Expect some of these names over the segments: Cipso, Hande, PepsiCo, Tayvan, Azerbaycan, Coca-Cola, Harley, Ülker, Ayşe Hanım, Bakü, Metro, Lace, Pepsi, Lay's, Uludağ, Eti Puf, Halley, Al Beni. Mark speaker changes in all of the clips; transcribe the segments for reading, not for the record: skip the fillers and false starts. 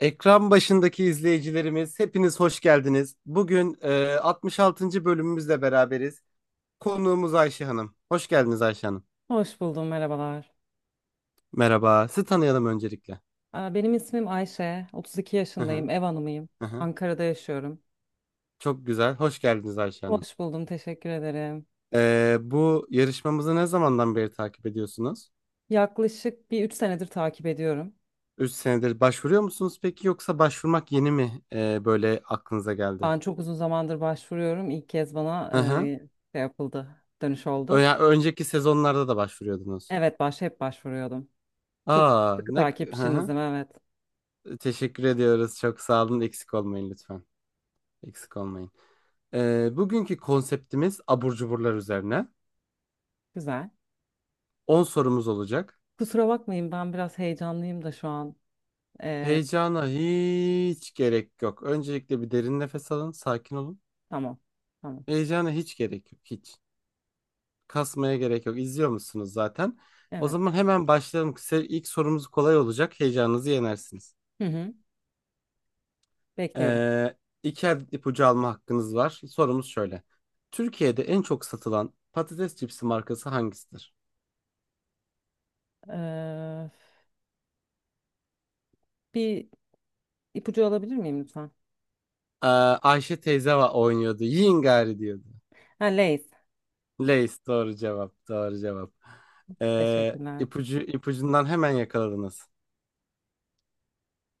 Speaker 1: Ekran başındaki izleyicilerimiz hepiniz hoş geldiniz. Bugün 66. bölümümüzle beraberiz. Konuğumuz Ayşe Hanım. Hoş geldiniz Ayşe Hanım.
Speaker 2: Hoş buldum, merhabalar.
Speaker 1: Merhaba. Sizi tanıyalım öncelikle.
Speaker 2: Benim ismim Ayşe, 32
Speaker 1: Hı hı,
Speaker 2: yaşındayım, ev hanımıyım.
Speaker 1: hı hı.
Speaker 2: Ankara'da yaşıyorum.
Speaker 1: Çok güzel. Hoş geldiniz Ayşe Hanım.
Speaker 2: Hoş buldum, teşekkür ederim.
Speaker 1: Bu yarışmamızı ne zamandan beri takip ediyorsunuz?
Speaker 2: Yaklaşık bir 3 senedir takip ediyorum.
Speaker 1: 3 senedir başvuruyor musunuz peki yoksa başvurmak yeni mi böyle aklınıza geldi?
Speaker 2: Ben çok uzun zamandır başvuruyorum. İlk kez
Speaker 1: Hı
Speaker 2: bana
Speaker 1: hı.
Speaker 2: şey yapıldı, dönüş oldu.
Speaker 1: Yani önceki sezonlarda da başvuruyordunuz.
Speaker 2: Evet, hep başvuruyordum. Çok
Speaker 1: Aa
Speaker 2: sıkı
Speaker 1: ne hı hı.
Speaker 2: takipçinizim, evet.
Speaker 1: Teşekkür ediyoruz. Çok sağ olun. Eksik olmayın lütfen. Eksik olmayın. Bugünkü konseptimiz abur cuburlar üzerine.
Speaker 2: Güzel.
Speaker 1: 10 sorumuz olacak.
Speaker 2: Kusura bakmayın, ben biraz heyecanlıyım da şu an. E,
Speaker 1: Heyecana hiç gerek yok. Öncelikle bir derin nefes alın. Sakin olun.
Speaker 2: tamam, tamam.
Speaker 1: Heyecana hiç gerek yok. Hiç. Kasmaya gerek yok. İzliyor musunuz zaten? O
Speaker 2: Evet.
Speaker 1: zaman hemen başlayalım. İlk sorumuz kolay olacak. Heyecanınızı yenersiniz.
Speaker 2: Hı hı, bekliyorum.
Speaker 1: Ee, iki adet ipucu alma hakkınız var. Sorumuz şöyle. Türkiye'de en çok satılan patates cipsi markası hangisidir?
Speaker 2: Ee, bir ipucu alabilir miyim lütfen?
Speaker 1: Ayşe teyze oynuyordu. Yiyin gari diyordu.
Speaker 2: Ha, Lay's.
Speaker 1: Lace doğru cevap. Doğru cevap.
Speaker 2: Teşekkürler.
Speaker 1: İpucundan hemen yakaladınız.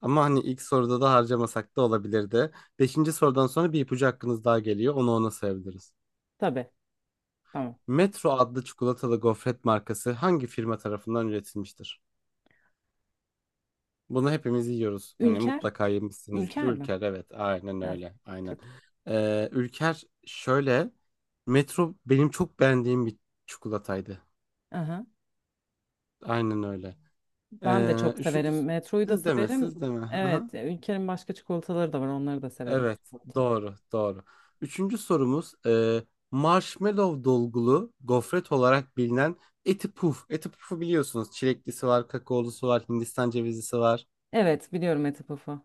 Speaker 1: Ama hani ilk soruda da harcamasak da olabilirdi. Beşinci sorudan sonra bir ipucu hakkınız daha geliyor. Onu ona sayabiliriz.
Speaker 2: Tabii. Tamam.
Speaker 1: Metro adlı çikolatalı gofret markası hangi firma tarafından üretilmiştir? Bunu hepimiz yiyoruz. Hani
Speaker 2: Ülker.
Speaker 1: mutlaka yemişsinizdir.
Speaker 2: Ülker mi?
Speaker 1: Ülker evet aynen
Speaker 2: Evet.
Speaker 1: öyle. Aynen.
Speaker 2: Çok.
Speaker 1: Ülker şöyle. Metro benim çok beğendiğim bir çikolataydı.
Speaker 2: Aha.
Speaker 1: Aynen öyle.
Speaker 2: Ben de çok
Speaker 1: Üçüncü
Speaker 2: severim. Metroyu da
Speaker 1: siz deme
Speaker 2: severim.
Speaker 1: siz deme. Aha.
Speaker 2: Evet. Ülker'in başka çikolataları da var. Onları da severim.
Speaker 1: Evet
Speaker 2: Çikolata.
Speaker 1: doğru doğru. Üçüncü sorumuz marshmallow dolgulu gofret olarak bilinen Eti Puf. Eti Puf'u biliyorsunuz. Çileklisi var, kakaolusu var, Hindistan cevizlisi var.
Speaker 2: Evet. Biliyorum Eti Puf'u.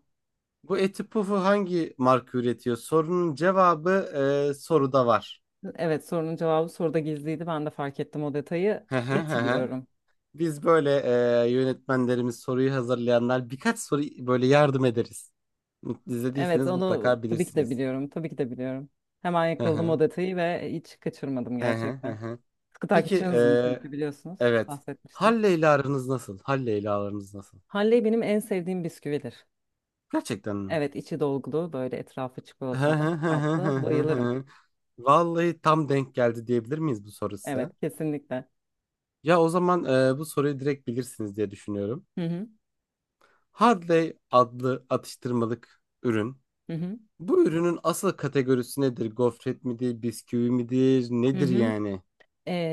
Speaker 1: Bu Eti Puf'u hangi marka üretiyor? Sorunun cevabı soruda var.
Speaker 2: Evet. Sorunun cevabı soruda gizliydi. Ben de fark ettim o detayı.
Speaker 1: Hı hı hı
Speaker 2: Eti
Speaker 1: hı.
Speaker 2: diyorum.
Speaker 1: Biz böyle yönetmenlerimiz soruyu hazırlayanlar birkaç soru böyle yardım ederiz.
Speaker 2: Evet.
Speaker 1: İzlediyseniz
Speaker 2: Onu
Speaker 1: mutlaka
Speaker 2: tabii ki de
Speaker 1: bilirsiniz.
Speaker 2: biliyorum. Tabii ki de biliyorum. Hemen
Speaker 1: Hı
Speaker 2: yakaladım o
Speaker 1: hı.
Speaker 2: detayı ve hiç kaçırmadım
Speaker 1: Hı hı hı
Speaker 2: gerçekten.
Speaker 1: hı.
Speaker 2: Sıkı
Speaker 1: Peki
Speaker 2: takipçinizim çünkü biliyorsunuz.
Speaker 1: evet.
Speaker 2: Bahsetmiştim.
Speaker 1: Halle ile aranız nasıl? Halle ile aranız nasıl?
Speaker 2: Halley benim en sevdiğim bisküvidir.
Speaker 1: Gerçekten mi?
Speaker 2: Evet, içi dolgulu, böyle etrafı
Speaker 1: Hı
Speaker 2: çikolata
Speaker 1: hı hı hı
Speaker 2: kaplı.
Speaker 1: hı hı
Speaker 2: Bayılırım.
Speaker 1: hı. Vallahi tam denk geldi diyebilir miyiz bu
Speaker 2: Evet,
Speaker 1: sorusu?
Speaker 2: kesinlikle.
Speaker 1: Ya o zaman bu soruyu direkt bilirsiniz diye düşünüyorum.
Speaker 2: Hı hı,
Speaker 1: Harley adlı atıştırmalık ürün.
Speaker 2: hı hı,
Speaker 1: Bu ürünün asıl kategorisi nedir? Gofret midir, bisküvi midir,
Speaker 2: hı
Speaker 1: nedir
Speaker 2: hı.
Speaker 1: yani?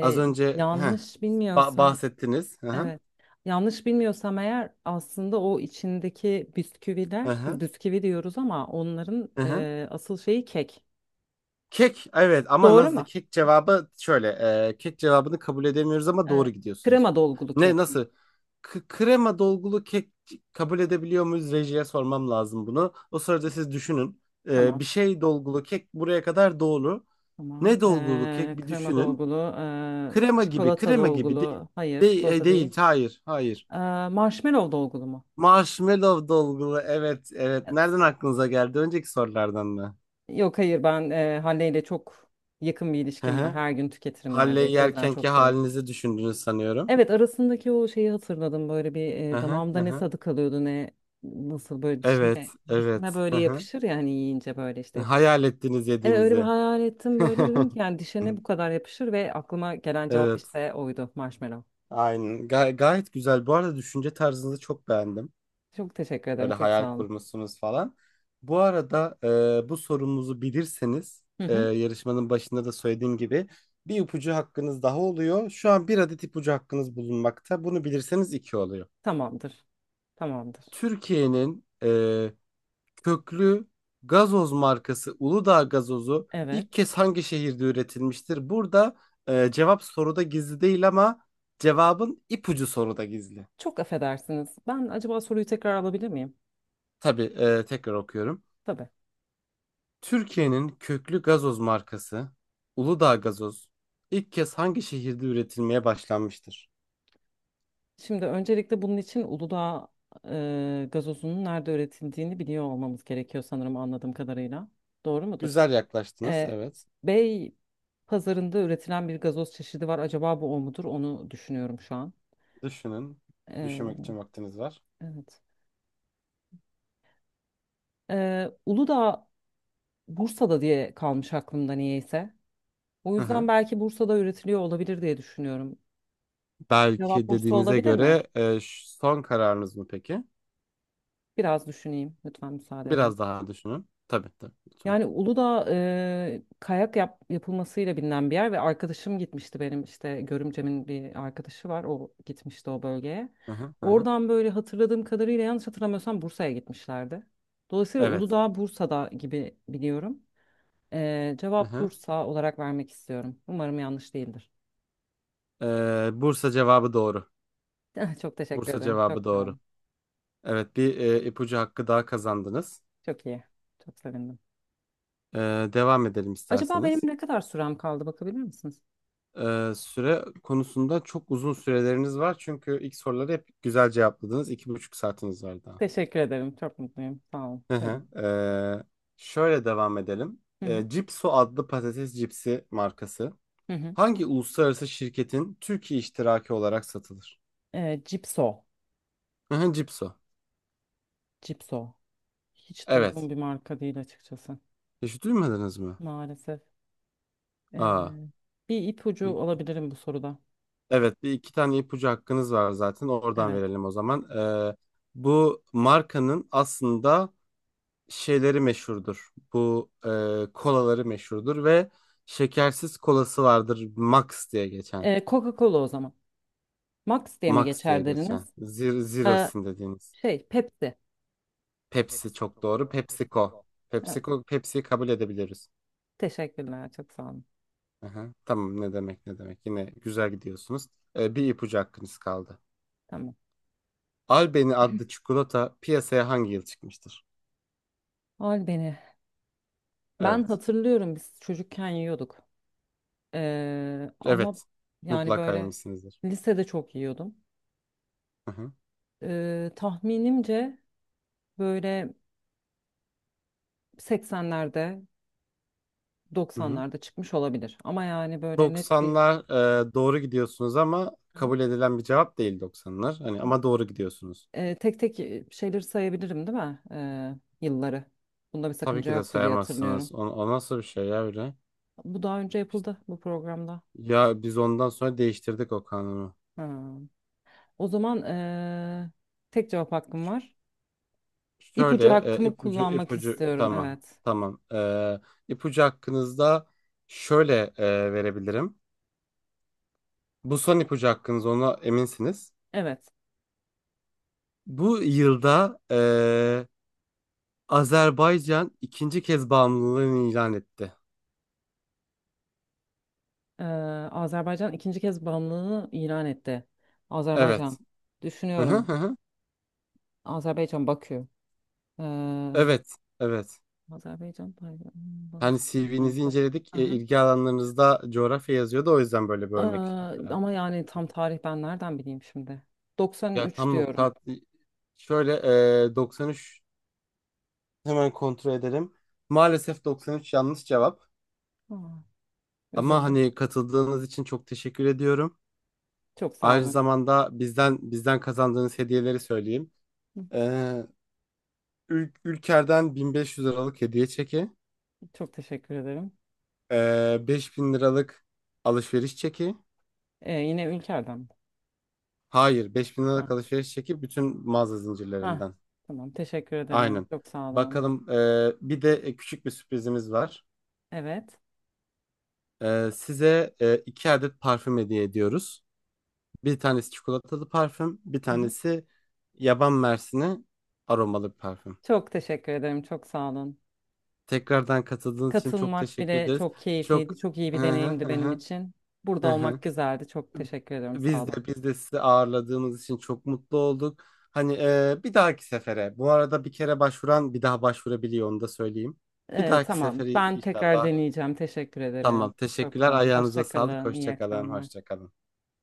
Speaker 1: Az önce
Speaker 2: yanlış bilmiyorsam,
Speaker 1: bahsettiniz. Hı hı.
Speaker 2: evet. Yanlış bilmiyorsam eğer aslında o içindeki
Speaker 1: Hı
Speaker 2: bisküviler, biz
Speaker 1: hı.
Speaker 2: bisküvi diyoruz ama onların
Speaker 1: Hı hı.
Speaker 2: asıl şeyi kek.
Speaker 1: Kek evet ama
Speaker 2: Doğru
Speaker 1: nasıl
Speaker 2: mu?
Speaker 1: kek cevabı şöyle kek cevabını kabul edemiyoruz ama
Speaker 2: Ee,
Speaker 1: doğru gidiyorsunuz.
Speaker 2: krema dolgulu
Speaker 1: Ne
Speaker 2: kek mi?
Speaker 1: nasıl krema dolgulu kek kabul edebiliyor muyuz, rejiye sormam lazım bunu. O sırada siz düşünün.
Speaker 2: Tamam.
Speaker 1: Bir şey dolgulu kek buraya kadar doğru. Ne
Speaker 2: Tamam.
Speaker 1: dolgulu kek bir
Speaker 2: Krema
Speaker 1: düşünün.
Speaker 2: dolgulu,
Speaker 1: Krema gibi
Speaker 2: çikolata
Speaker 1: krema gibi değil.
Speaker 2: dolgulu. Hayır,
Speaker 1: Değil,
Speaker 2: çikolata
Speaker 1: değil
Speaker 2: değil.
Speaker 1: hayır hayır.
Speaker 2: Ee, marshmallow dolgulu mu?
Speaker 1: Marshmallow dolgulu evet evet nereden aklınıza geldi, önceki sorulardan mı?
Speaker 2: Yok hayır ben Hande ile çok yakın bir
Speaker 1: Hı
Speaker 2: ilişkim var.
Speaker 1: hı.
Speaker 2: Her gün tüketirim
Speaker 1: Halley
Speaker 2: neredeyse. O yüzden
Speaker 1: yerkenki
Speaker 2: çok severim.
Speaker 1: halinizi düşündünüz sanıyorum.
Speaker 2: Evet, arasındaki o şeyi hatırladım. Böyle bir
Speaker 1: Aha,
Speaker 2: damağımda ne
Speaker 1: aha.
Speaker 2: tadı kalıyordu, ne nasıl, böyle
Speaker 1: Evet,
Speaker 2: dişime
Speaker 1: evet.
Speaker 2: dişime böyle
Speaker 1: Aha.
Speaker 2: yapışır ya hani, yiyince böyle işte yapışır.
Speaker 1: Hayal ettiniz
Speaker 2: Evet, öyle bir
Speaker 1: yediğinizi.
Speaker 2: hayal ettim, böyle dedim ki yani dişe ne bu kadar yapışır ve aklıma gelen cevap
Speaker 1: Evet.
Speaker 2: işte oydu, marshmallow.
Speaker 1: Aynen. Gayet güzel. Bu arada düşünce tarzınızı çok beğendim.
Speaker 2: Çok teşekkür ederim,
Speaker 1: Böyle
Speaker 2: çok
Speaker 1: hayal
Speaker 2: sağ olun.
Speaker 1: kurmuşsunuz falan. Bu arada bu sorumuzu bilirseniz
Speaker 2: Hı hı.
Speaker 1: yarışmanın başında da söylediğim gibi bir ipucu hakkınız daha oluyor. Şu an bir adet ipucu hakkınız bulunmakta. Bunu bilirseniz iki oluyor.
Speaker 2: Tamamdır. Tamamdır.
Speaker 1: Türkiye'nin köklü gazoz markası Uludağ gazozu ilk
Speaker 2: Evet.
Speaker 1: kez hangi şehirde üretilmiştir? Burada cevap soruda gizli değil ama cevabın ipucu soruda gizli.
Speaker 2: Çok affedersiniz. Ben acaba soruyu tekrar alabilir miyim?
Speaker 1: Tabii tekrar okuyorum.
Speaker 2: Tabii.
Speaker 1: Türkiye'nin köklü gazoz markası Uludağ gazoz ilk kez hangi şehirde üretilmeye başlanmıştır?
Speaker 2: Şimdi öncelikle bunun için Uludağ gazozunun nerede üretildiğini biliyor olmamız gerekiyor sanırım, anladığım kadarıyla. Doğru mudur?
Speaker 1: Güzel yaklaştınız,
Speaker 2: E,
Speaker 1: evet.
Speaker 2: Bey pazarında üretilen bir gazoz çeşidi var. Acaba bu o mudur? Onu düşünüyorum şu an.
Speaker 1: Düşünün.
Speaker 2: E,
Speaker 1: Düşünmek için vaktiniz var.
Speaker 2: evet. Uludağ Bursa'da diye kalmış aklımda niyeyse. O
Speaker 1: Hı
Speaker 2: yüzden
Speaker 1: hı.
Speaker 2: belki Bursa'da üretiliyor olabilir diye düşünüyorum. Cevap
Speaker 1: Belki
Speaker 2: Bursa
Speaker 1: dediğinize
Speaker 2: olabilir mi?
Speaker 1: göre son kararınız mı peki?
Speaker 2: Biraz düşüneyim. Lütfen müsaade edin.
Speaker 1: Biraz daha düşünün. Tabii tabii lütfen.
Speaker 2: Yani Uludağ, yapılmasıyla bilinen bir yer ve arkadaşım gitmişti benim, işte Görümcem'in bir arkadaşı var, o gitmişti o bölgeye.
Speaker 1: Hı hı, hı hı.
Speaker 2: Oradan böyle hatırladığım kadarıyla, yanlış hatırlamıyorsam, Bursa'ya gitmişlerdi. Dolayısıyla
Speaker 1: Evet.
Speaker 2: Uludağ Bursa'da gibi biliyorum.
Speaker 1: Hı
Speaker 2: Cevap
Speaker 1: hı.
Speaker 2: Bursa olarak vermek istiyorum. Umarım yanlış değildir.
Speaker 1: Bursa cevabı doğru.
Speaker 2: Çok teşekkür
Speaker 1: Bursa
Speaker 2: ederim. Çok
Speaker 1: cevabı
Speaker 2: sağ
Speaker 1: doğru.
Speaker 2: olun.
Speaker 1: Evet bir ipucu hakkı daha kazandınız.
Speaker 2: Çok iyi. Çok sevindim.
Speaker 1: Ee, Devam edelim
Speaker 2: Acaba benim
Speaker 1: isterseniz.
Speaker 2: ne kadar sürem kaldı, bakabilir misiniz?
Speaker 1: Süre konusunda çok uzun süreleriniz var. Çünkü ilk soruları hep güzel cevapladınız. 2,5 saatiniz var daha.
Speaker 2: Teşekkür ederim. Çok mutluyum. Sağ olun.
Speaker 1: Hı
Speaker 2: Buyurun.
Speaker 1: hı. Şöyle devam edelim.
Speaker 2: Hı hı.
Speaker 1: Cipso adlı patates cipsi markası
Speaker 2: Hı hı.
Speaker 1: hangi uluslararası şirketin Türkiye iştiraki olarak satılır?
Speaker 2: E, Cipso.
Speaker 1: Hı hı, Cipso.
Speaker 2: Cipso. Hiç
Speaker 1: Evet.
Speaker 2: duyduğum bir marka değil açıkçası.
Speaker 1: Hiç duymadınız mı?
Speaker 2: Maalesef. E,
Speaker 1: Aa.
Speaker 2: bir ipucu alabilirim bu soruda.
Speaker 1: Evet, bir iki tane ipucu hakkınız var zaten. Oradan
Speaker 2: Evet.
Speaker 1: verelim o zaman. Bu markanın aslında şeyleri meşhurdur. Bu kolaları meşhurdur ve şekersiz kolası vardır. Max diye geçen.
Speaker 2: E, Coca-Cola o zaman. Max diye mi
Speaker 1: Max diye
Speaker 2: geçer
Speaker 1: geçen.
Speaker 2: deriniz?
Speaker 1: Zero,
Speaker 2: E,
Speaker 1: Zero'sin dediğiniz.
Speaker 2: şey, Pepsi.
Speaker 1: Pepsi çok doğru. PepsiCo.
Speaker 2: Evet.
Speaker 1: PepsiCo, Pepsi'yi kabul edebiliriz.
Speaker 2: Teşekkürler. Çok sağ olun.
Speaker 1: Aha, tamam, ne demek ne demek. Yine güzel gidiyorsunuz. Bir ipucu hakkınız kaldı.
Speaker 2: Tamam.
Speaker 1: Al Beni adlı çikolata piyasaya hangi yıl çıkmıştır?
Speaker 2: Al beni. Ben
Speaker 1: Evet.
Speaker 2: hatırlıyorum, biz çocukken yiyorduk. E, ama
Speaker 1: Evet.
Speaker 2: yani
Speaker 1: Mutlaka
Speaker 2: böyle
Speaker 1: yemişsinizdir.
Speaker 2: lisede çok yiyordum.
Speaker 1: Hı hı.
Speaker 2: Tahminimce böyle 80'lerde
Speaker 1: Hı hı.
Speaker 2: 90'larda çıkmış olabilir. Ama yani böyle net bir
Speaker 1: 90'lar doğru gidiyorsunuz ama
Speaker 2: Hı
Speaker 1: kabul edilen bir cevap değil 90'lar. Hani
Speaker 2: hı.
Speaker 1: ama doğru gidiyorsunuz.
Speaker 2: Tek tek şeyleri sayabilirim değil mi? E, yılları. Bunda bir
Speaker 1: Tabii
Speaker 2: sakınca
Speaker 1: ki de
Speaker 2: yoktu diye hatırlıyorum.
Speaker 1: sayamazsınız. O nasıl bir şey ya öyle?
Speaker 2: Bu daha önce yapıldı bu programda.
Speaker 1: Ya biz ondan sonra değiştirdik o kanunu.
Speaker 2: Ha. O zaman tek cevap hakkım var. İpucu
Speaker 1: Şöyle
Speaker 2: hakkımı kullanmak
Speaker 1: ipucu
Speaker 2: istiyorum.
Speaker 1: tamam.
Speaker 2: Evet.
Speaker 1: Tamam. İpucu hakkınızda şöyle verebilirim. Bu son ipucu hakkınız, ona eminsiniz.
Speaker 2: Evet.
Speaker 1: Bu yılda Azerbaycan ikinci kez bağımlılığını ilan etti.
Speaker 2: E, Azerbaycan ikinci kez bağımlılığını ilan etti. Azerbaycan.
Speaker 1: Evet. Hı hı
Speaker 2: Düşünüyorum.
Speaker 1: hı. Hı.
Speaker 2: Azerbaycan Bakü. E,
Speaker 1: Evet. Evet.
Speaker 2: Azerbaycan Tayvan,
Speaker 1: Hani
Speaker 2: bağımsız-
Speaker 1: CV'nizi
Speaker 2: nerede?
Speaker 1: inceledik. İlgi alanlarınızda coğrafya yazıyordu. O yüzden böyle bir örnek.
Speaker 2: Aa, ama yani tam tarih ben nereden bileyim şimdi?
Speaker 1: Ya
Speaker 2: 93
Speaker 1: tam nokta.
Speaker 2: diyorum.
Speaker 1: Şöyle 93 hemen kontrol edelim. Maalesef 93 yanlış cevap.
Speaker 2: Aa,
Speaker 1: Ama
Speaker 2: üzüldüm.
Speaker 1: hani katıldığınız için çok teşekkür ediyorum.
Speaker 2: Çok sağ
Speaker 1: Aynı
Speaker 2: olun.
Speaker 1: zamanda bizden kazandığınız hediyeleri söyleyeyim.
Speaker 2: Hı.
Speaker 1: E, Ülker'den 1.500 liralık hediye çeki,
Speaker 2: Çok teşekkür ederim.
Speaker 1: 5.000 liralık alışveriş çeki.
Speaker 2: Yine Ülker'den mi?
Speaker 1: Hayır, 5.000
Speaker 2: Ha.
Speaker 1: liralık alışveriş çeki bütün mağaza
Speaker 2: Ha,
Speaker 1: zincirlerinden.
Speaker 2: tamam, teşekkür ederim.
Speaker 1: Aynen.
Speaker 2: Çok sağ olun.
Speaker 1: Bakalım, bir de küçük bir sürprizimiz var.
Speaker 2: Evet.
Speaker 1: Size iki adet parfüm hediye ediyoruz. Bir tanesi çikolatalı parfüm, bir
Speaker 2: Aha.
Speaker 1: tanesi yaban mersini aromalı bir parfüm.
Speaker 2: Çok teşekkür ederim. Çok sağ olun.
Speaker 1: Tekrardan katıldığınız için çok
Speaker 2: Katılmak
Speaker 1: teşekkür
Speaker 2: bile
Speaker 1: ederiz.
Speaker 2: çok
Speaker 1: Çok...
Speaker 2: keyifliydi. Çok iyi bir deneyimdi benim için. Burada olmak güzeldi. Çok teşekkür ederim. Sağ
Speaker 1: Biz
Speaker 2: olun.
Speaker 1: de biz de sizi ağırladığımız için çok mutlu olduk. Hani bir dahaki sefere. Bu arada bir kere başvuran bir daha başvurabiliyor, onu da söyleyeyim. Bir dahaki
Speaker 2: Tamam.
Speaker 1: sefere
Speaker 2: Ben tekrar
Speaker 1: inşallah.
Speaker 2: deneyeceğim. Teşekkür ederim.
Speaker 1: Tamam.
Speaker 2: Çok
Speaker 1: Teşekkürler.
Speaker 2: sağ olun.
Speaker 1: Ayağınıza
Speaker 2: Hoşça
Speaker 1: sağlık.
Speaker 2: kalın. İyi
Speaker 1: Hoşça kalın.
Speaker 2: akşamlar.
Speaker 1: Hoşça kalın.